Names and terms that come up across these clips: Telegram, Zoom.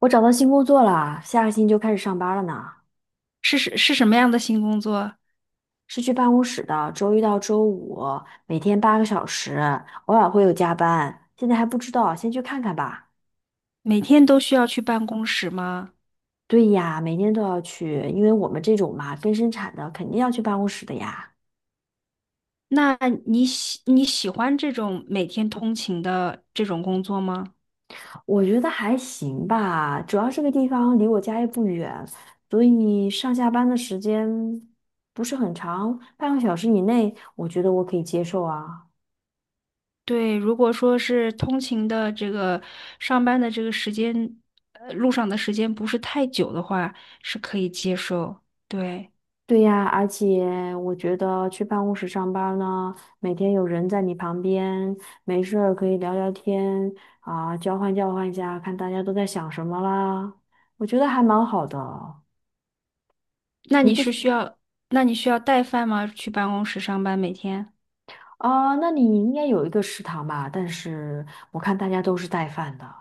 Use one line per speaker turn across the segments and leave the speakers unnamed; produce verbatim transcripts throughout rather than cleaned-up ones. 我找到新工作了，下个星期就开始上班了呢。
是是是，什么样的新工作？
是去办公室的，周一到周五，每天八个小时，偶尔会有加班。现在还不知道，先去看看吧。
每天都需要去办公室吗？
对呀，每天都要去，因为我们这种嘛，跟生产的肯定要去办公室的呀。
那你喜你喜欢这种每天通勤的这种工作吗？
我觉得还行吧，主要这个地方离我家也不远，所以上下班的时间不是很长，半个小时以内，我觉得我可以接受啊。
对，如果说是通勤的这个上班的这个时间，呃，路上的时间不是太久的话，是可以接受。对，
对呀，而且我觉得去办公室上班儿呢，每天有人在你旁边，没事儿可以聊聊天啊，交换交换一下，看大家都在想什么啦。我觉得还蛮好的。
那
你
你
不
是
喜
需要，那你需要带饭吗？去办公室上班每天？
啊？那你应该有一个食堂吧？但是我看大家都是带饭的，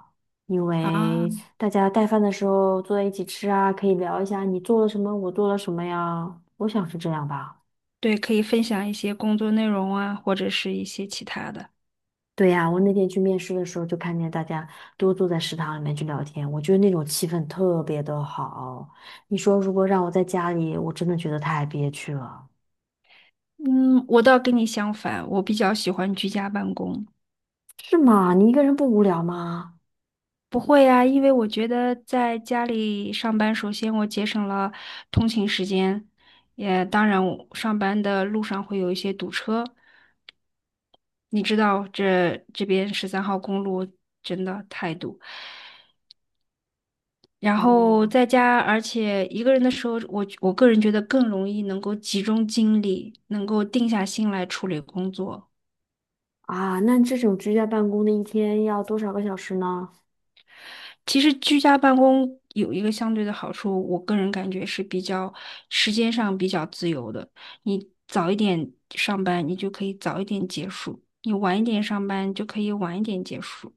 因
啊，
为大家带饭的时候坐在一起吃啊，可以聊一下你做了什么，我做了什么呀。我想是这样吧。
对，可以分享一些工作内容啊，或者是一些其他的。
对呀，我那天去面试的时候，就看见大家都坐在食堂里面去聊天，我觉得那种气氛特别的好。你说如果让我在家里，我真的觉得太憋屈了，
嗯，我倒跟你相反，我比较喜欢居家办公。
是吗？你一个人不无聊吗？
不会呀，因为我觉得在家里上班，首先我节省了通勤时间，也当然我上班的路上会有一些堵车，你知道这这边十三号公路真的太堵。然
哦
后在家，而且一个人的时候，我我个人觉得更容易能够集中精力，能够定下心来处理工作。
啊，那这种居家办公的一天要多少个小时呢？
其实居家办公有一个相对的好处，我个人感觉是比较时间上比较自由的。你早一点上班，你就可以早一点结束；你晚一点上班，就可以晚一点结束。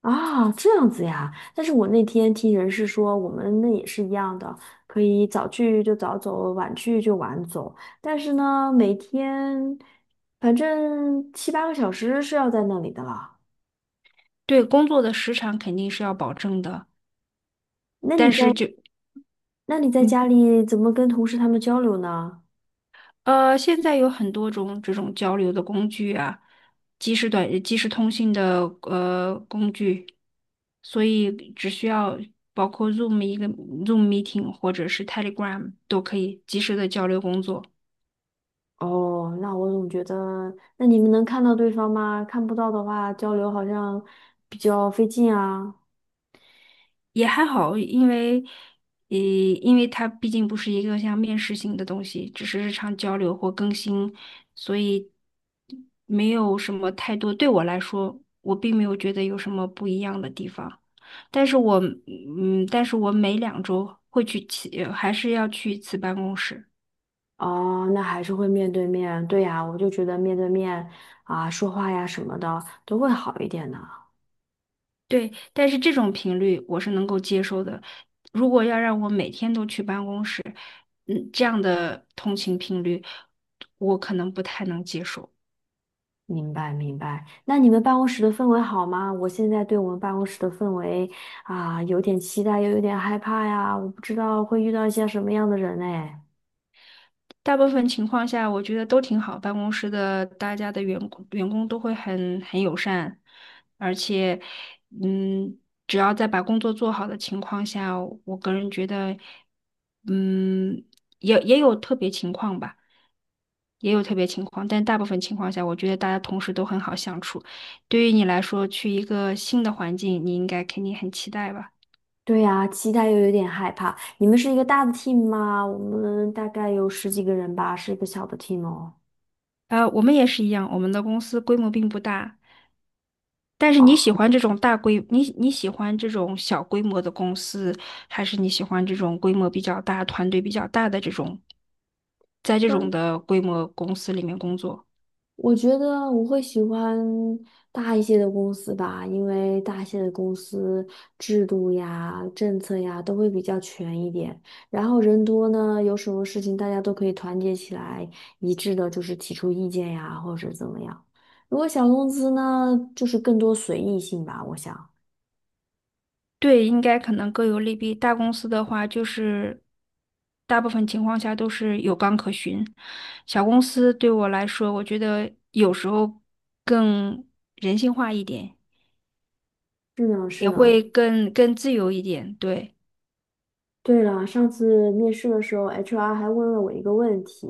啊，这样子呀。但是我那天听人事说，我们那也是一样的，可以早去就早走，晚去就晚走。但是呢，每天反正七八个小时是要在那里的了。
对，工作的时长肯定是要保证的，
那
但
你
是
在
就
那你在
嗯。
家里怎么跟同事他们交流呢？
呃，现在有很多种这种交流的工具啊，即时短、即时通信的呃工具，所以只需要包括 Zoom， 一个 Zoom meeting 或者是 Telegram 都可以及时的交流工作，
哦，那我总觉得，那你们能看到对方吗？看不到的话，交流好像比较费劲啊。
也还好，因为呃，因为它毕竟不是一个像面试性的东西，只是日常交流或更新，所以没有什么太多，对我来说，我并没有觉得有什么不一样的地方。但是我嗯，但是我每两周会去其，还是要去一次办公室。
哦，那还是会面对面，对呀，我就觉得面对面啊，说话呀什么的都会好一点呢。
对，但是这种频率我是能够接受的。如果要让我每天都去办公室，嗯，这样的通勤频率，我可能不太能接受。
明白，明白。那你们办公室的氛围好吗？我现在对我们办公室的氛围啊，有点期待，又有点害怕呀。我不知道会遇到一些什么样的人哎。
大部分情况下，我觉得都挺好。办公室的大家的员工员工都会很很友善，而且，嗯，只要在把工作做好的情况下，我个人觉得，嗯，也也有特别情况吧，也有特别情况，但大部分情况下，我觉得大家同事都很好相处。对于你来说，去一个新的环境，你应该肯定很期待吧？
对呀，期待又有点害怕。你们是一个大的 team 吗？我们大概有十几个人吧，是一个小的 team 哦。
呃，我们也是一样，我们的公司规模并不大，但是你喜
哦。
欢这种大规，你你喜欢这种小规模的公司，还是你喜欢这种规模比较大、团队比较大的这种，在这种
呃
的规模公司里面工作？
我觉得我会喜欢大一些的公司吧，因为大一些的公司制度呀、政策呀都会比较全一点。然后人多呢，有什么事情大家都可以团结起来，一致的就是提出意见呀，或者怎么样。如果小公司呢，就是更多随意性吧，我想。
对，应该可能各有利弊。大公司的话，就是大部分情况下都是有纲可循。小公司对我来说，我觉得有时候更人性化一点，
是呢，是
也
呢。
会更更自由一点。对，
对了，上次面试的时候，H R 还问了我一个问题，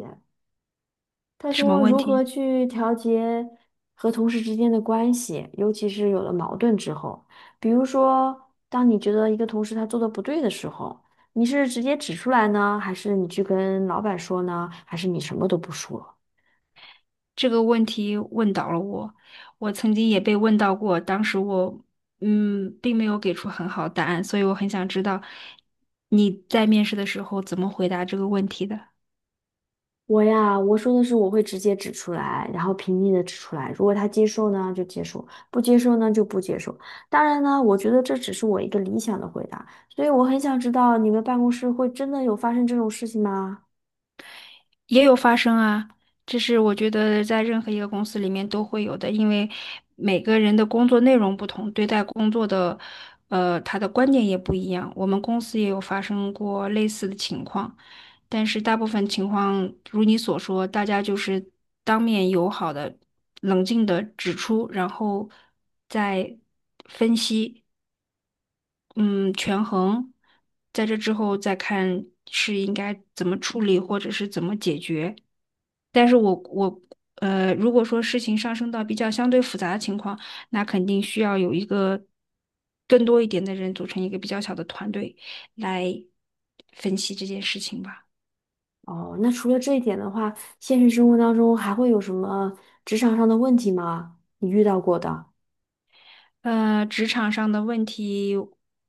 他
什么
说
问
如何
题？
去调节和同事之间的关系，尤其是有了矛盾之后，比如说，当你觉得一个同事他做的不对的时候，你是直接指出来呢，还是你去跟老板说呢，还是你什么都不说？
这个问题问倒了我，我曾经也被问到过，当时我嗯，并没有给出很好答案，所以我很想知道你在面试的时候怎么回答这个问题的。
我呀，我说的是我会直接指出来，然后平静的指出来。如果他接受呢，就接受；不接受呢，就不接受。当然呢，我觉得这只是我一个理想的回答，所以我很想知道你们办公室会真的有发生这种事情吗？
也有发生啊，这是我觉得在任何一个公司里面都会有的，因为每个人的工作内容不同，对待工作的，呃，他的观点也不一样。我们公司也有发生过类似的情况，但是大部分情况如你所说，大家就是当面友好的、冷静的指出，然后再分析，嗯，权衡，在这之后再看是应该怎么处理或者是怎么解决。但是我我呃，如果说事情上升到比较相对复杂的情况，那肯定需要有一个更多一点的人组成一个比较小的团队来分析这件事情吧。
哦，那除了这一点的话，现实生活当中还会有什么职场上的问题吗？你遇到过的
呃，职场上的问题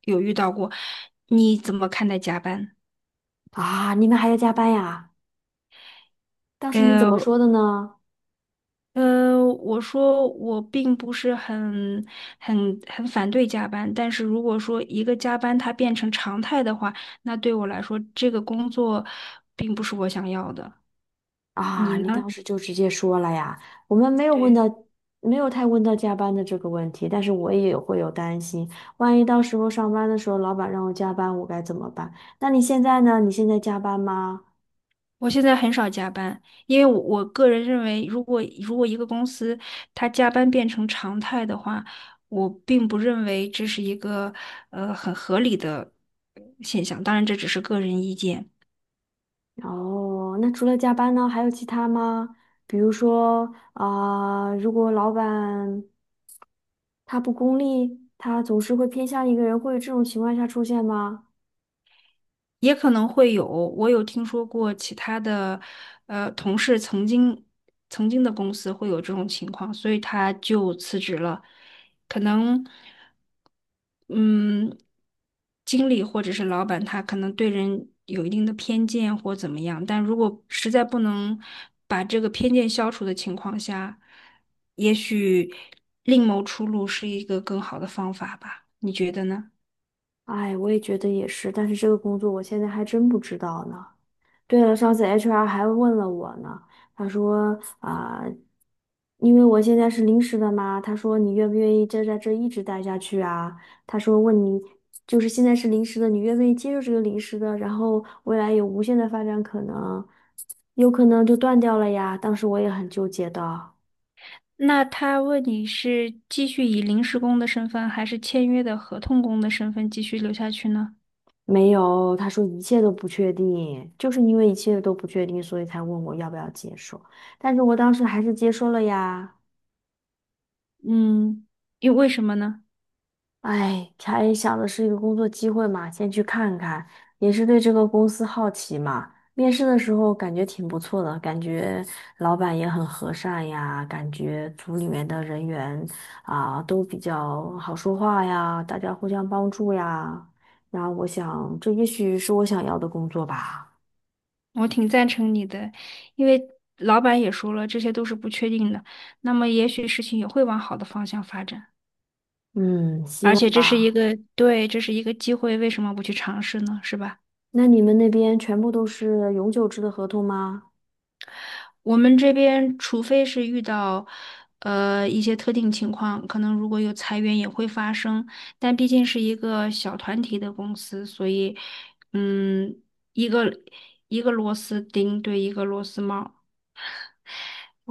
有遇到过，你怎么看待加班？
啊？你们还要加班呀？当时你怎么
呃，
说的呢？
呃，我说我并不是很、很、很反对加班，但是如果说一个加班它变成常态的话，那对我来说这个工作并不是我想要的。你
啊，你
呢？
当时就直接说了呀？我们没有问
对，
到，没有太问到加班的这个问题，但是我也会有担心，万一到时候上班的时候老板让我加班，我该怎么办？那你现在呢？你现在加班吗？
我现在很少加班，因为我我个人认为，如果如果一个公司它加班变成常态的话，我并不认为这是一个呃很合理的现象。当然，这只是个人意见。
哦，那除了加班呢，还有其他吗？比如说啊、如果老板他不功利，他总是会偏向一个人，会有这种情况下出现吗？
也可能会有，我有听说过其他的，呃，同事曾经曾经的公司会有这种情况，所以他就辞职了。可能，嗯，经理或者是老板他可能对人有一定的偏见或怎么样，但如果实在不能把这个偏见消除的情况下，也许另谋出路是一个更好的方法吧？你觉得呢？
哎，我也觉得也是，但是这个工作我现在还真不知道呢。对了，上次 H R 还问了我呢，他说啊、因为我现在是临时的嘛，他说你愿不愿意就在这一直待下去啊？他说问你，就是现在是临时的，你愿不愿意接受这个临时的，然后未来有无限的发展可能，有可能就断掉了呀。当时我也很纠结的。
那他问你是继续以临时工的身份，还是签约的合同工的身份继续留下去呢？
没有，他说一切都不确定，就是因为一切都不确定，所以才问我要不要接受。但是我当时还是接受了呀。
嗯，因为为什么呢？
哎，才想的是一个工作机会嘛，先去看看，也是对这个公司好奇嘛。面试的时候感觉挺不错的，感觉老板也很和善呀，感觉组里面的人员啊都比较好说话呀，大家互相帮助呀。然后我想，这也许是我想要的工作吧。
我挺赞成你的，因为老板也说了，这些都是不确定的，那么也许事情也会往好的方向发展，
嗯，希
而且
望
这是一
吧。
个，对，这是一个机会，为什么不去尝试呢？是吧？
那你们那边全部都是永久制的合同吗？
我们这边除非是遇到，呃，一些特定情况，可能如果有裁员也会发生，但毕竟是一个小团体的公司，所以，嗯，一个一个螺丝钉对一个螺丝帽，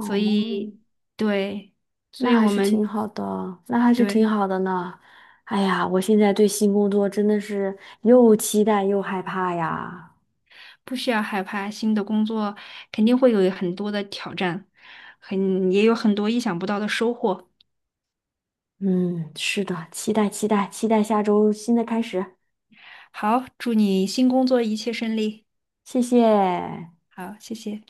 所以对，所
那
以
还
我
是挺
们
好的，那还是挺
对
好的呢。哎呀，我现在对新工作真的是又期待又害怕呀。
不需要害怕新的工作，肯定会有很多的挑战，很也有很多意想不到的收获。
嗯，是的，期待期待期待下周新的开始。
好，祝你新工作一切顺利。
谢谢。
好，谢谢。